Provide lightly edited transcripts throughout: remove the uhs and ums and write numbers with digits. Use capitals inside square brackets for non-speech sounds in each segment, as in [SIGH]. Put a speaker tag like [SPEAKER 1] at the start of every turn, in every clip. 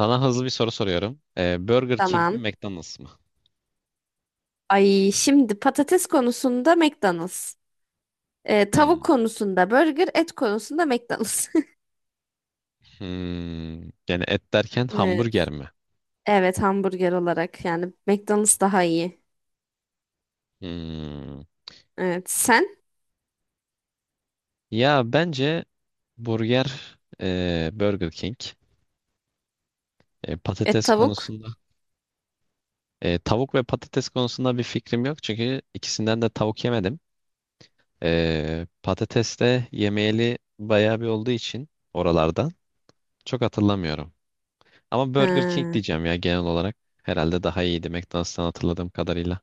[SPEAKER 1] Sana hızlı bir soru soruyorum. Burger King mi
[SPEAKER 2] Tamam.
[SPEAKER 1] McDonald's mı?
[SPEAKER 2] Ay şimdi patates konusunda McDonald's.
[SPEAKER 1] Hmm.
[SPEAKER 2] Tavuk konusunda burger, et konusunda McDonald's.
[SPEAKER 1] Hmm. Yani et derken
[SPEAKER 2] [LAUGHS] Evet.
[SPEAKER 1] hamburger mi?
[SPEAKER 2] Evet hamburger olarak yani McDonald's daha iyi.
[SPEAKER 1] Hmm.
[SPEAKER 2] Evet sen
[SPEAKER 1] Ya bence burger Burger King.
[SPEAKER 2] et
[SPEAKER 1] Patates
[SPEAKER 2] tavuk.
[SPEAKER 1] konusunda tavuk ve patates konusunda bir fikrim yok. Çünkü ikisinden de tavuk yemedim. Patates de yemeyeli bayağı bir olduğu için oralardan çok hatırlamıyorum. Ama Burger King
[SPEAKER 2] Ha,
[SPEAKER 1] diyeceğim ya genel olarak. Herhalde daha iyiydi McDonald's'tan hatırladığım kadarıyla.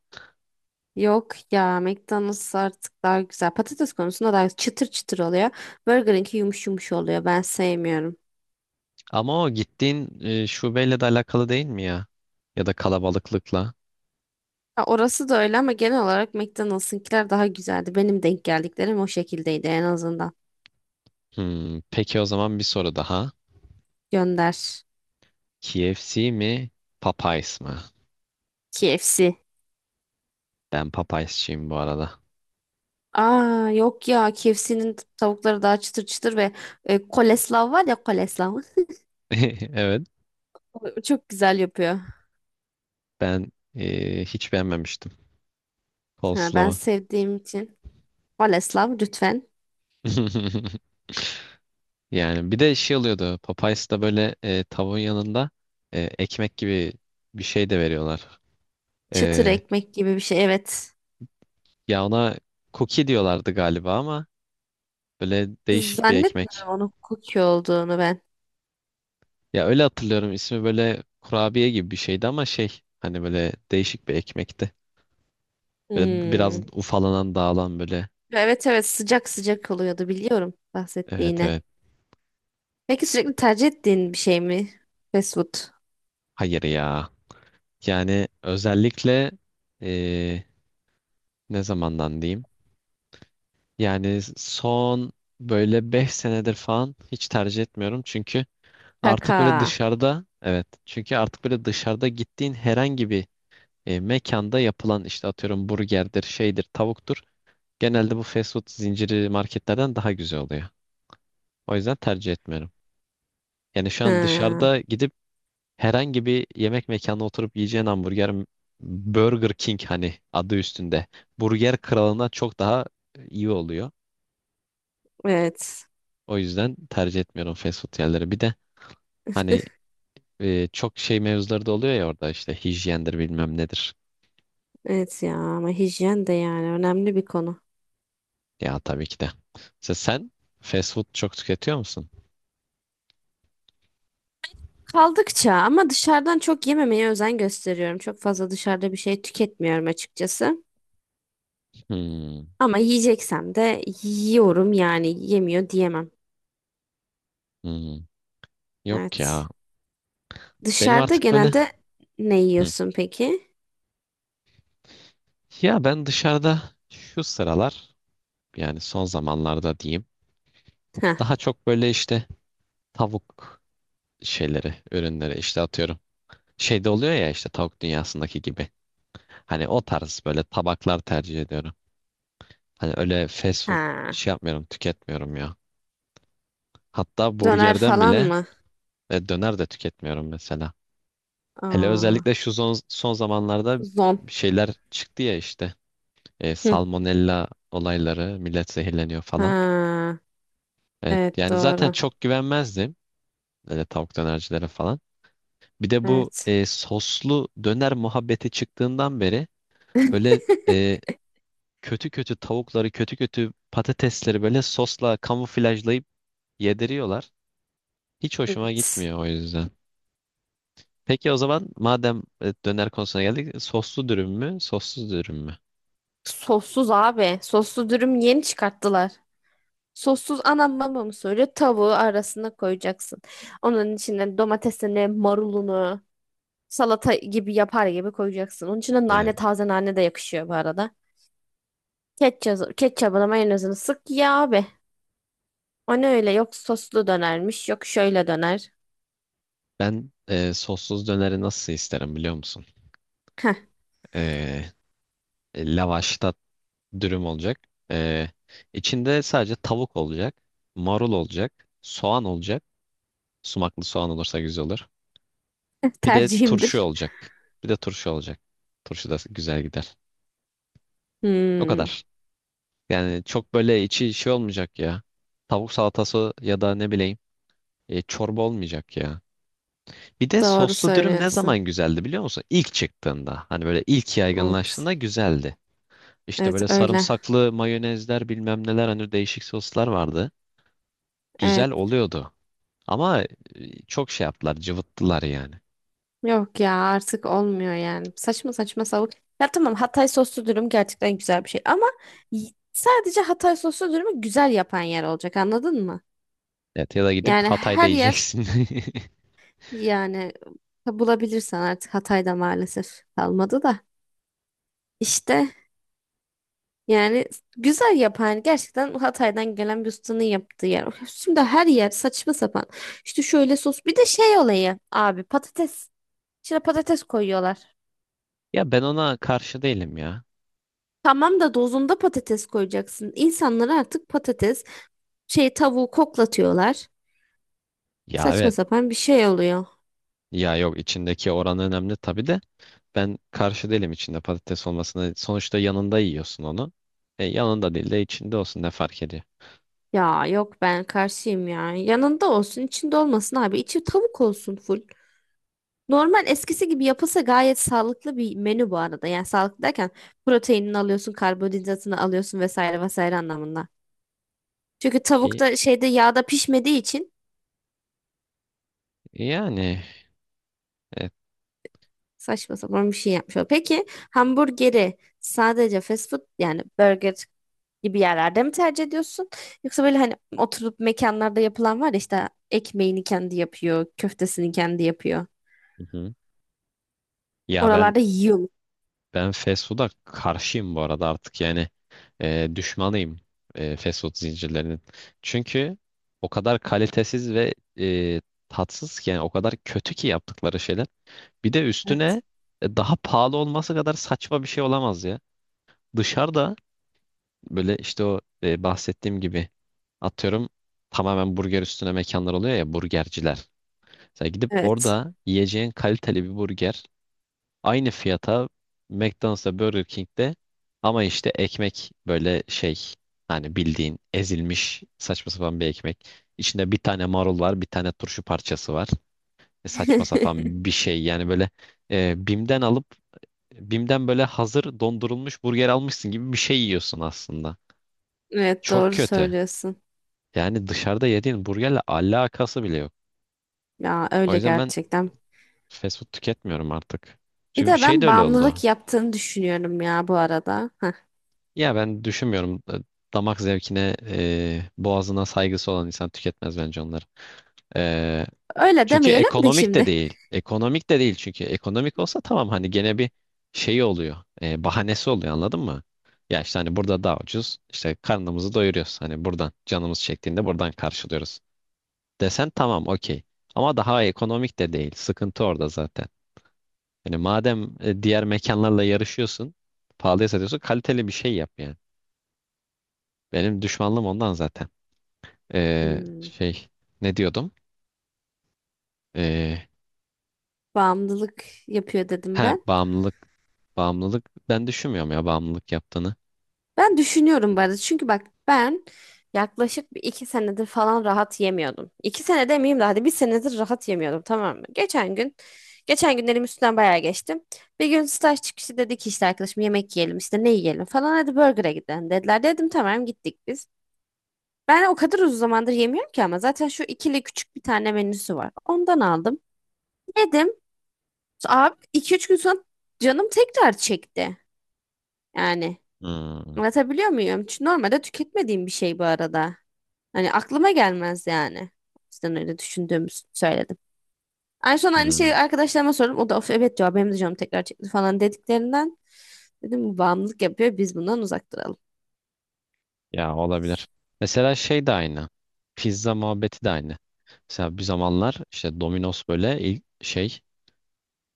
[SPEAKER 2] yok ya McDonald's artık daha güzel. Patates konusunda daha çıtır çıtır oluyor. Burger'inki yumuş yumuş oluyor. Ben sevmiyorum.
[SPEAKER 1] Ama o gittiğin şubeyle de alakalı değil mi ya? Ya da kalabalıklıkla.
[SPEAKER 2] Ha, orası da öyle ama genel olarak McDonald's'ınkiler daha güzeldi. Benim denk geldiklerim o şekildeydi en azından.
[SPEAKER 1] Hmm, peki o zaman bir soru daha.
[SPEAKER 2] Gönder.
[SPEAKER 1] KFC mi, Popeyes mi?
[SPEAKER 2] KFC.
[SPEAKER 1] Ben Popeyes'çiyim bu arada.
[SPEAKER 2] Aa yok ya KFC'nin tavukları daha çıtır çıtır ve Koleslav var ya Koleslav.
[SPEAKER 1] [LAUGHS] Evet,
[SPEAKER 2] O çok güzel yapıyor.
[SPEAKER 1] ben hiç beğenmemiştim
[SPEAKER 2] Ha, ben
[SPEAKER 1] coleslaw'u.
[SPEAKER 2] sevdiğim için. Koleslav lütfen.
[SPEAKER 1] [LAUGHS] Yani bir de şey oluyordu. Popeyes'ta böyle tavuğun yanında ekmek gibi bir şey de veriyorlar.
[SPEAKER 2] Çıtır
[SPEAKER 1] E,
[SPEAKER 2] ekmek gibi bir şey. Evet.
[SPEAKER 1] ya ona cookie diyorlardı galiba ama böyle değişik bir ekmek.
[SPEAKER 2] Zannetmiyorum onun cookie olduğunu ben.
[SPEAKER 1] Ya öyle hatırlıyorum ismi böyle kurabiye gibi bir şeydi ama şey hani böyle değişik bir ekmekti. Böyle biraz
[SPEAKER 2] Hmm.
[SPEAKER 1] ufalanan dağılan böyle.
[SPEAKER 2] Evet evet sıcak sıcak oluyordu biliyorum
[SPEAKER 1] Evet
[SPEAKER 2] bahsettiğini.
[SPEAKER 1] evet.
[SPEAKER 2] Peki sürekli tercih ettiğin bir şey mi? Fast food.
[SPEAKER 1] Hayır ya. Yani özellikle eee, ne zamandan diyeyim? Yani son böyle 5 senedir falan hiç tercih etmiyorum. Çünkü
[SPEAKER 2] Kaka.
[SPEAKER 1] artık böyle dışarıda evet. Çünkü artık böyle dışarıda gittiğin herhangi bir mekanda yapılan işte atıyorum burgerdir, şeydir, tavuktur. Genelde bu fast food zinciri marketlerden daha güzel oluyor. O yüzden tercih etmiyorum. Yani şu an
[SPEAKER 2] Ha,
[SPEAKER 1] dışarıda gidip herhangi bir yemek mekanına oturup yiyeceğin hamburger Burger King hani adı üstünde. Burger kralına çok daha iyi oluyor.
[SPEAKER 2] evet.
[SPEAKER 1] O yüzden tercih etmiyorum fast food yerleri. Bir de hani çok şey mevzuları da oluyor ya orada işte hijyendir bilmem nedir.
[SPEAKER 2] Evet ya ama hijyen de yani önemli bir konu.
[SPEAKER 1] Ya tabii ki de. Mesela sen fast food çok tüketiyor musun?
[SPEAKER 2] Kaldıkça ama dışarıdan çok yememeye özen gösteriyorum. Çok fazla dışarıda bir şey tüketmiyorum açıkçası.
[SPEAKER 1] Hmm,
[SPEAKER 2] Ama yiyeceksem de yiyorum yani yemiyor diyemem.
[SPEAKER 1] hmm. Yok ya.
[SPEAKER 2] Evet.
[SPEAKER 1] Benim
[SPEAKER 2] Dışarıda
[SPEAKER 1] artık böyle
[SPEAKER 2] genelde ne
[SPEAKER 1] Hı.
[SPEAKER 2] yiyorsun peki?
[SPEAKER 1] Ya ben dışarıda şu sıralar yani son zamanlarda diyeyim.
[SPEAKER 2] Ha,
[SPEAKER 1] Daha çok böyle işte tavuk şeyleri, ürünleri işte atıyorum. Şeyde oluyor ya işte tavuk dünyasındaki gibi. Hani o tarz böyle tabaklar tercih ediyorum. Hani öyle fast food
[SPEAKER 2] ha.
[SPEAKER 1] şey yapmıyorum, tüketmiyorum ya. Hatta
[SPEAKER 2] Döner
[SPEAKER 1] burgerden
[SPEAKER 2] falan
[SPEAKER 1] bile
[SPEAKER 2] mı?
[SPEAKER 1] döner de tüketmiyorum mesela. Hele
[SPEAKER 2] Aa,
[SPEAKER 1] özellikle şu son, son zamanlarda
[SPEAKER 2] zon.
[SPEAKER 1] şeyler çıktı ya işte.
[SPEAKER 2] Hı.
[SPEAKER 1] Salmonella olayları, millet zehirleniyor falan.
[SPEAKER 2] Ha,
[SPEAKER 1] Evet,
[SPEAKER 2] evet
[SPEAKER 1] yani zaten
[SPEAKER 2] doğru.
[SPEAKER 1] çok güvenmezdim. Öyle tavuk dönercilere falan. Bir de bu
[SPEAKER 2] Evet.
[SPEAKER 1] soslu döner muhabbeti çıktığından beri böyle e,
[SPEAKER 2] [LAUGHS]
[SPEAKER 1] kötü kötü tavukları, kötü kötü patatesleri böyle sosla kamuflajlayıp yediriyorlar. Hiç hoşuma
[SPEAKER 2] Evet.
[SPEAKER 1] gitmiyor o yüzden. Peki o zaman madem döner konusuna geldik, soslu dürüm mü, sossuz dürüm mü?
[SPEAKER 2] Sossuz abi. Soslu dürüm yeni çıkarttılar. Sossuz anam bana onu söylüyor. Tavuğu arasına koyacaksın. Onun içine domatesini, marulunu, salata gibi yapar gibi koyacaksın. Onun içine
[SPEAKER 1] E,
[SPEAKER 2] nane, taze nane de yakışıyor bu arada. Ketçap, ketçabına mayonezini sık ya abi. O ne öyle? Yok soslu dönermiş, yok şöyle döner.
[SPEAKER 1] ben sossuz döneri nasıl isterim biliyor musun?
[SPEAKER 2] Heh,
[SPEAKER 1] E, lavaşta dürüm olacak. E, içinde sadece tavuk olacak, marul olacak, soğan olacak. Sumaklı soğan olursa güzel olur.
[SPEAKER 2] [LAUGHS]
[SPEAKER 1] Bir de turşu
[SPEAKER 2] tercihimdir.
[SPEAKER 1] olacak. Bir de turşu olacak. Turşu da güzel gider. O
[SPEAKER 2] Hmm,
[SPEAKER 1] kadar. Yani çok böyle içi şey olmayacak ya. Tavuk salatası ya da ne bileyim çorba olmayacak ya. Bir de
[SPEAKER 2] doğru
[SPEAKER 1] soslu dürüm ne zaman
[SPEAKER 2] söylüyorsun.
[SPEAKER 1] güzeldi biliyor musun? İlk çıktığında. Hani böyle ilk
[SPEAKER 2] Evet.
[SPEAKER 1] yaygınlaştığında güzeldi. İşte
[SPEAKER 2] Evet
[SPEAKER 1] böyle
[SPEAKER 2] öyle.
[SPEAKER 1] sarımsaklı mayonezler bilmem neler hani değişik soslar vardı. Güzel
[SPEAKER 2] Evet.
[SPEAKER 1] oluyordu. Ama çok şey yaptılar, cıvıttılar yani.
[SPEAKER 2] Yok ya artık olmuyor yani. Saçma saçma savuk. Ya tamam Hatay soslu dürüm gerçekten güzel bir şey ama sadece Hatay soslu dürümü güzel yapan yer olacak anladın mı?
[SPEAKER 1] Evet ya da gidip
[SPEAKER 2] Yani
[SPEAKER 1] Hatay'da
[SPEAKER 2] her yer
[SPEAKER 1] yiyeceksin. [LAUGHS]
[SPEAKER 2] yani bulabilirsen artık Hatay'da maalesef kalmadı da. İşte yani güzel yapan gerçekten Hatay'dan gelen bir ustanın yaptığı yer. Şimdi her yer saçma sapan. İşte şöyle sos bir de şey olayı abi patates. İçine patates koyuyorlar.
[SPEAKER 1] Ya ben ona karşı değilim ya.
[SPEAKER 2] Tamam da dozunda patates koyacaksın. İnsanlar artık patates, şey tavuğu koklatıyorlar.
[SPEAKER 1] Ya
[SPEAKER 2] Saçma
[SPEAKER 1] evet.
[SPEAKER 2] sapan bir şey oluyor.
[SPEAKER 1] Ya yok içindeki oran önemli tabii de ben karşı değilim içinde patates olmasına. Sonuçta yanında yiyorsun onu. Yanında değil de içinde olsun ne fark ediyor?
[SPEAKER 2] Ya yok ben karşıyım ya. Yanında olsun, içinde olmasın abi. İçi tavuk olsun full. Normal eskisi gibi yapılsa gayet sağlıklı bir menü bu arada. Yani sağlıklı derken proteinini alıyorsun, karbonhidratını alıyorsun vesaire vesaire anlamında. Çünkü tavuk
[SPEAKER 1] E,
[SPEAKER 2] da şeyde yağda pişmediği için
[SPEAKER 1] yani evet.
[SPEAKER 2] saçma sapan bir şey yapmış oluyor. Peki hamburgeri sadece fast food yani burger gibi yerlerde mi tercih ediyorsun? Yoksa böyle hani oturup mekanlarda yapılan var ya işte ekmeğini kendi yapıyor, köftesini kendi yapıyor.
[SPEAKER 1] Hı hı. Ya ben
[SPEAKER 2] Oralarda yiyor mu?
[SPEAKER 1] Ben fast food'a karşıyım bu arada artık yani düşmanıyım fast food zincirlerinin. Çünkü o kadar kalitesiz ve e, tatsız ki yani o kadar kötü ki yaptıkları şeyler. Bir de
[SPEAKER 2] Evet.
[SPEAKER 1] üstüne daha pahalı olması kadar saçma bir şey olamaz ya. Dışarıda böyle işte o bahsettiğim gibi atıyorum tamamen burger üstüne mekanlar oluyor ya burgerciler. Sen gidip
[SPEAKER 2] Evet.
[SPEAKER 1] orada yiyeceğin kaliteli bir burger Aynı fiyata McDonald's'ta Burger King'de ama işte ekmek böyle şey hani bildiğin ezilmiş saçma sapan bir ekmek. İçinde bir tane marul var, bir tane turşu parçası var. Saçma
[SPEAKER 2] [LAUGHS]
[SPEAKER 1] sapan bir şey yani böyle e, Bim'den alıp Bim'den böyle hazır dondurulmuş burger almışsın gibi bir şey yiyorsun aslında.
[SPEAKER 2] Evet
[SPEAKER 1] Çok
[SPEAKER 2] doğru
[SPEAKER 1] kötü.
[SPEAKER 2] söylüyorsun.
[SPEAKER 1] Yani dışarıda yediğin burgerle alakası bile yok.
[SPEAKER 2] Ya
[SPEAKER 1] O
[SPEAKER 2] öyle
[SPEAKER 1] yüzden ben
[SPEAKER 2] gerçekten.
[SPEAKER 1] fast food tüketmiyorum artık.
[SPEAKER 2] Bir
[SPEAKER 1] Çünkü
[SPEAKER 2] de
[SPEAKER 1] şey
[SPEAKER 2] ben
[SPEAKER 1] de öyle
[SPEAKER 2] bağımlılık
[SPEAKER 1] oldu.
[SPEAKER 2] yaptığını düşünüyorum ya bu arada. Heh.
[SPEAKER 1] Ya ben düşünmüyorum. Damak zevkine, boğazına saygısı olan insan tüketmez bence onları. E,
[SPEAKER 2] Öyle
[SPEAKER 1] çünkü
[SPEAKER 2] demeyelim de
[SPEAKER 1] ekonomik de
[SPEAKER 2] şimdi.
[SPEAKER 1] değil. Ekonomik de değil çünkü. Ekonomik olsa tamam hani gene bir şeyi oluyor. Bahanesi oluyor anladın mı? Ya işte hani burada daha ucuz. İşte karnımızı doyuruyoruz. Hani buradan canımız çektiğinde buradan karşılıyoruz. Desen tamam okey. Ama daha ekonomik de değil. Sıkıntı orada zaten. Yani madem diğer mekanlarla yarışıyorsun, pahalıya satıyorsun, kaliteli bir şey yap yani. Benim düşmanlığım ondan zaten. Ee,
[SPEAKER 2] Hmm,
[SPEAKER 1] şey ne diyordum? Ee,
[SPEAKER 2] bağımlılık yapıyor dedim
[SPEAKER 1] ha
[SPEAKER 2] ben.
[SPEAKER 1] bağımlılık bağımlılık, ben düşünmüyorum ya bağımlılık yaptığını.
[SPEAKER 2] Ben düşünüyorum bu arada. Çünkü bak ben yaklaşık bir iki senedir falan rahat yemiyordum. İki sene demeyeyim de hadi bir senedir rahat yemiyordum tamam mı? Geçen günlerim üstünden bayağı geçtim. Bir gün staj çıkışı dedik ki işte arkadaşım yemek yiyelim işte ne yiyelim falan hadi burger'a gidelim dediler. Dedim tamam gittik biz. Ben o kadar uzun zamandır yemiyorum ki ama zaten şu ikili küçük bir tane menüsü var. Ondan aldım. Yedim. Abi iki üç gün sonra canım tekrar çekti. Yani
[SPEAKER 1] Hmm,
[SPEAKER 2] anlatabiliyor muyum? Çünkü normalde tüketmediğim bir şey bu arada. Hani aklıma gelmez yani. O yüzden öyle düşündüğümü söyledim. En son aynı
[SPEAKER 1] hmm.
[SPEAKER 2] şeyi arkadaşlarıma sordum. O da of evet diyor benim de canım tekrar çekti falan dediklerinden. Dedim bu bağımlılık yapıyor biz bundan uzak duralım.
[SPEAKER 1] Ya olabilir. Mesela şey de aynı. Pizza muhabbeti de aynı. Mesela bir zamanlar işte Domino's böyle ilk şey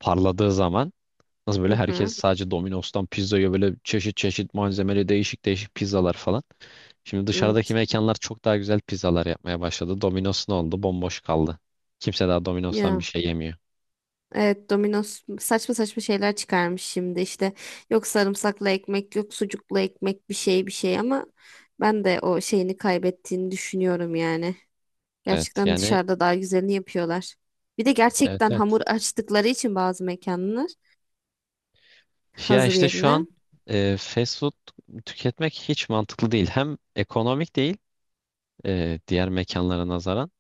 [SPEAKER 1] parladığı zaman nasıl böyle
[SPEAKER 2] Hı
[SPEAKER 1] herkes
[SPEAKER 2] hı.
[SPEAKER 1] sadece Domino's'tan pizzaya böyle çeşit çeşit malzemeli değişik değişik pizzalar falan. Şimdi dışarıdaki
[SPEAKER 2] Evet.
[SPEAKER 1] mekanlar çok daha güzel pizzalar yapmaya başladı. Domino's ne oldu? Bomboş kaldı. Kimse daha Domino's'tan bir
[SPEAKER 2] Ya.
[SPEAKER 1] şey yemiyor.
[SPEAKER 2] Evet Domino's saçma saçma şeyler çıkarmış şimdi işte yok sarımsaklı ekmek yok sucuklu ekmek bir şey bir şey ama ben de o şeyini kaybettiğini düşünüyorum yani.
[SPEAKER 1] Evet
[SPEAKER 2] Gerçekten
[SPEAKER 1] yani
[SPEAKER 2] dışarıda daha güzelini yapıyorlar. Bir de
[SPEAKER 1] evet
[SPEAKER 2] gerçekten
[SPEAKER 1] evet.
[SPEAKER 2] hamur açtıkları için bazı mekanlar
[SPEAKER 1] Ya
[SPEAKER 2] hazır
[SPEAKER 1] işte şu
[SPEAKER 2] yerine
[SPEAKER 1] an fast food tüketmek hiç mantıklı değil. Hem ekonomik değil diğer mekanlara nazaran.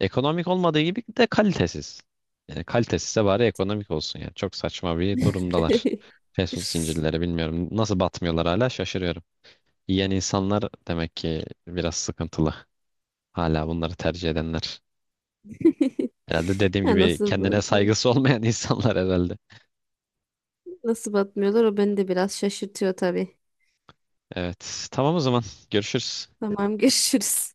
[SPEAKER 1] Ekonomik olmadığı gibi de kalitesiz. Yani kalitesizse bari ekonomik olsun yani. Çok saçma bir durumdalar.
[SPEAKER 2] [LAUGHS]
[SPEAKER 1] Fast food zincirleri bilmiyorum. Nasıl batmıyorlar hala şaşırıyorum. Yiyen insanlar demek ki biraz sıkıntılı. Hala bunları tercih edenler. Herhalde dediğim
[SPEAKER 2] Ya
[SPEAKER 1] gibi kendine saygısı olmayan [LAUGHS] insanlar herhalde.
[SPEAKER 2] nasıl batmıyorlar o beni de biraz şaşırtıyor tabii.
[SPEAKER 1] Evet. Tamam o zaman. Görüşürüz.
[SPEAKER 2] Tamam görüşürüz.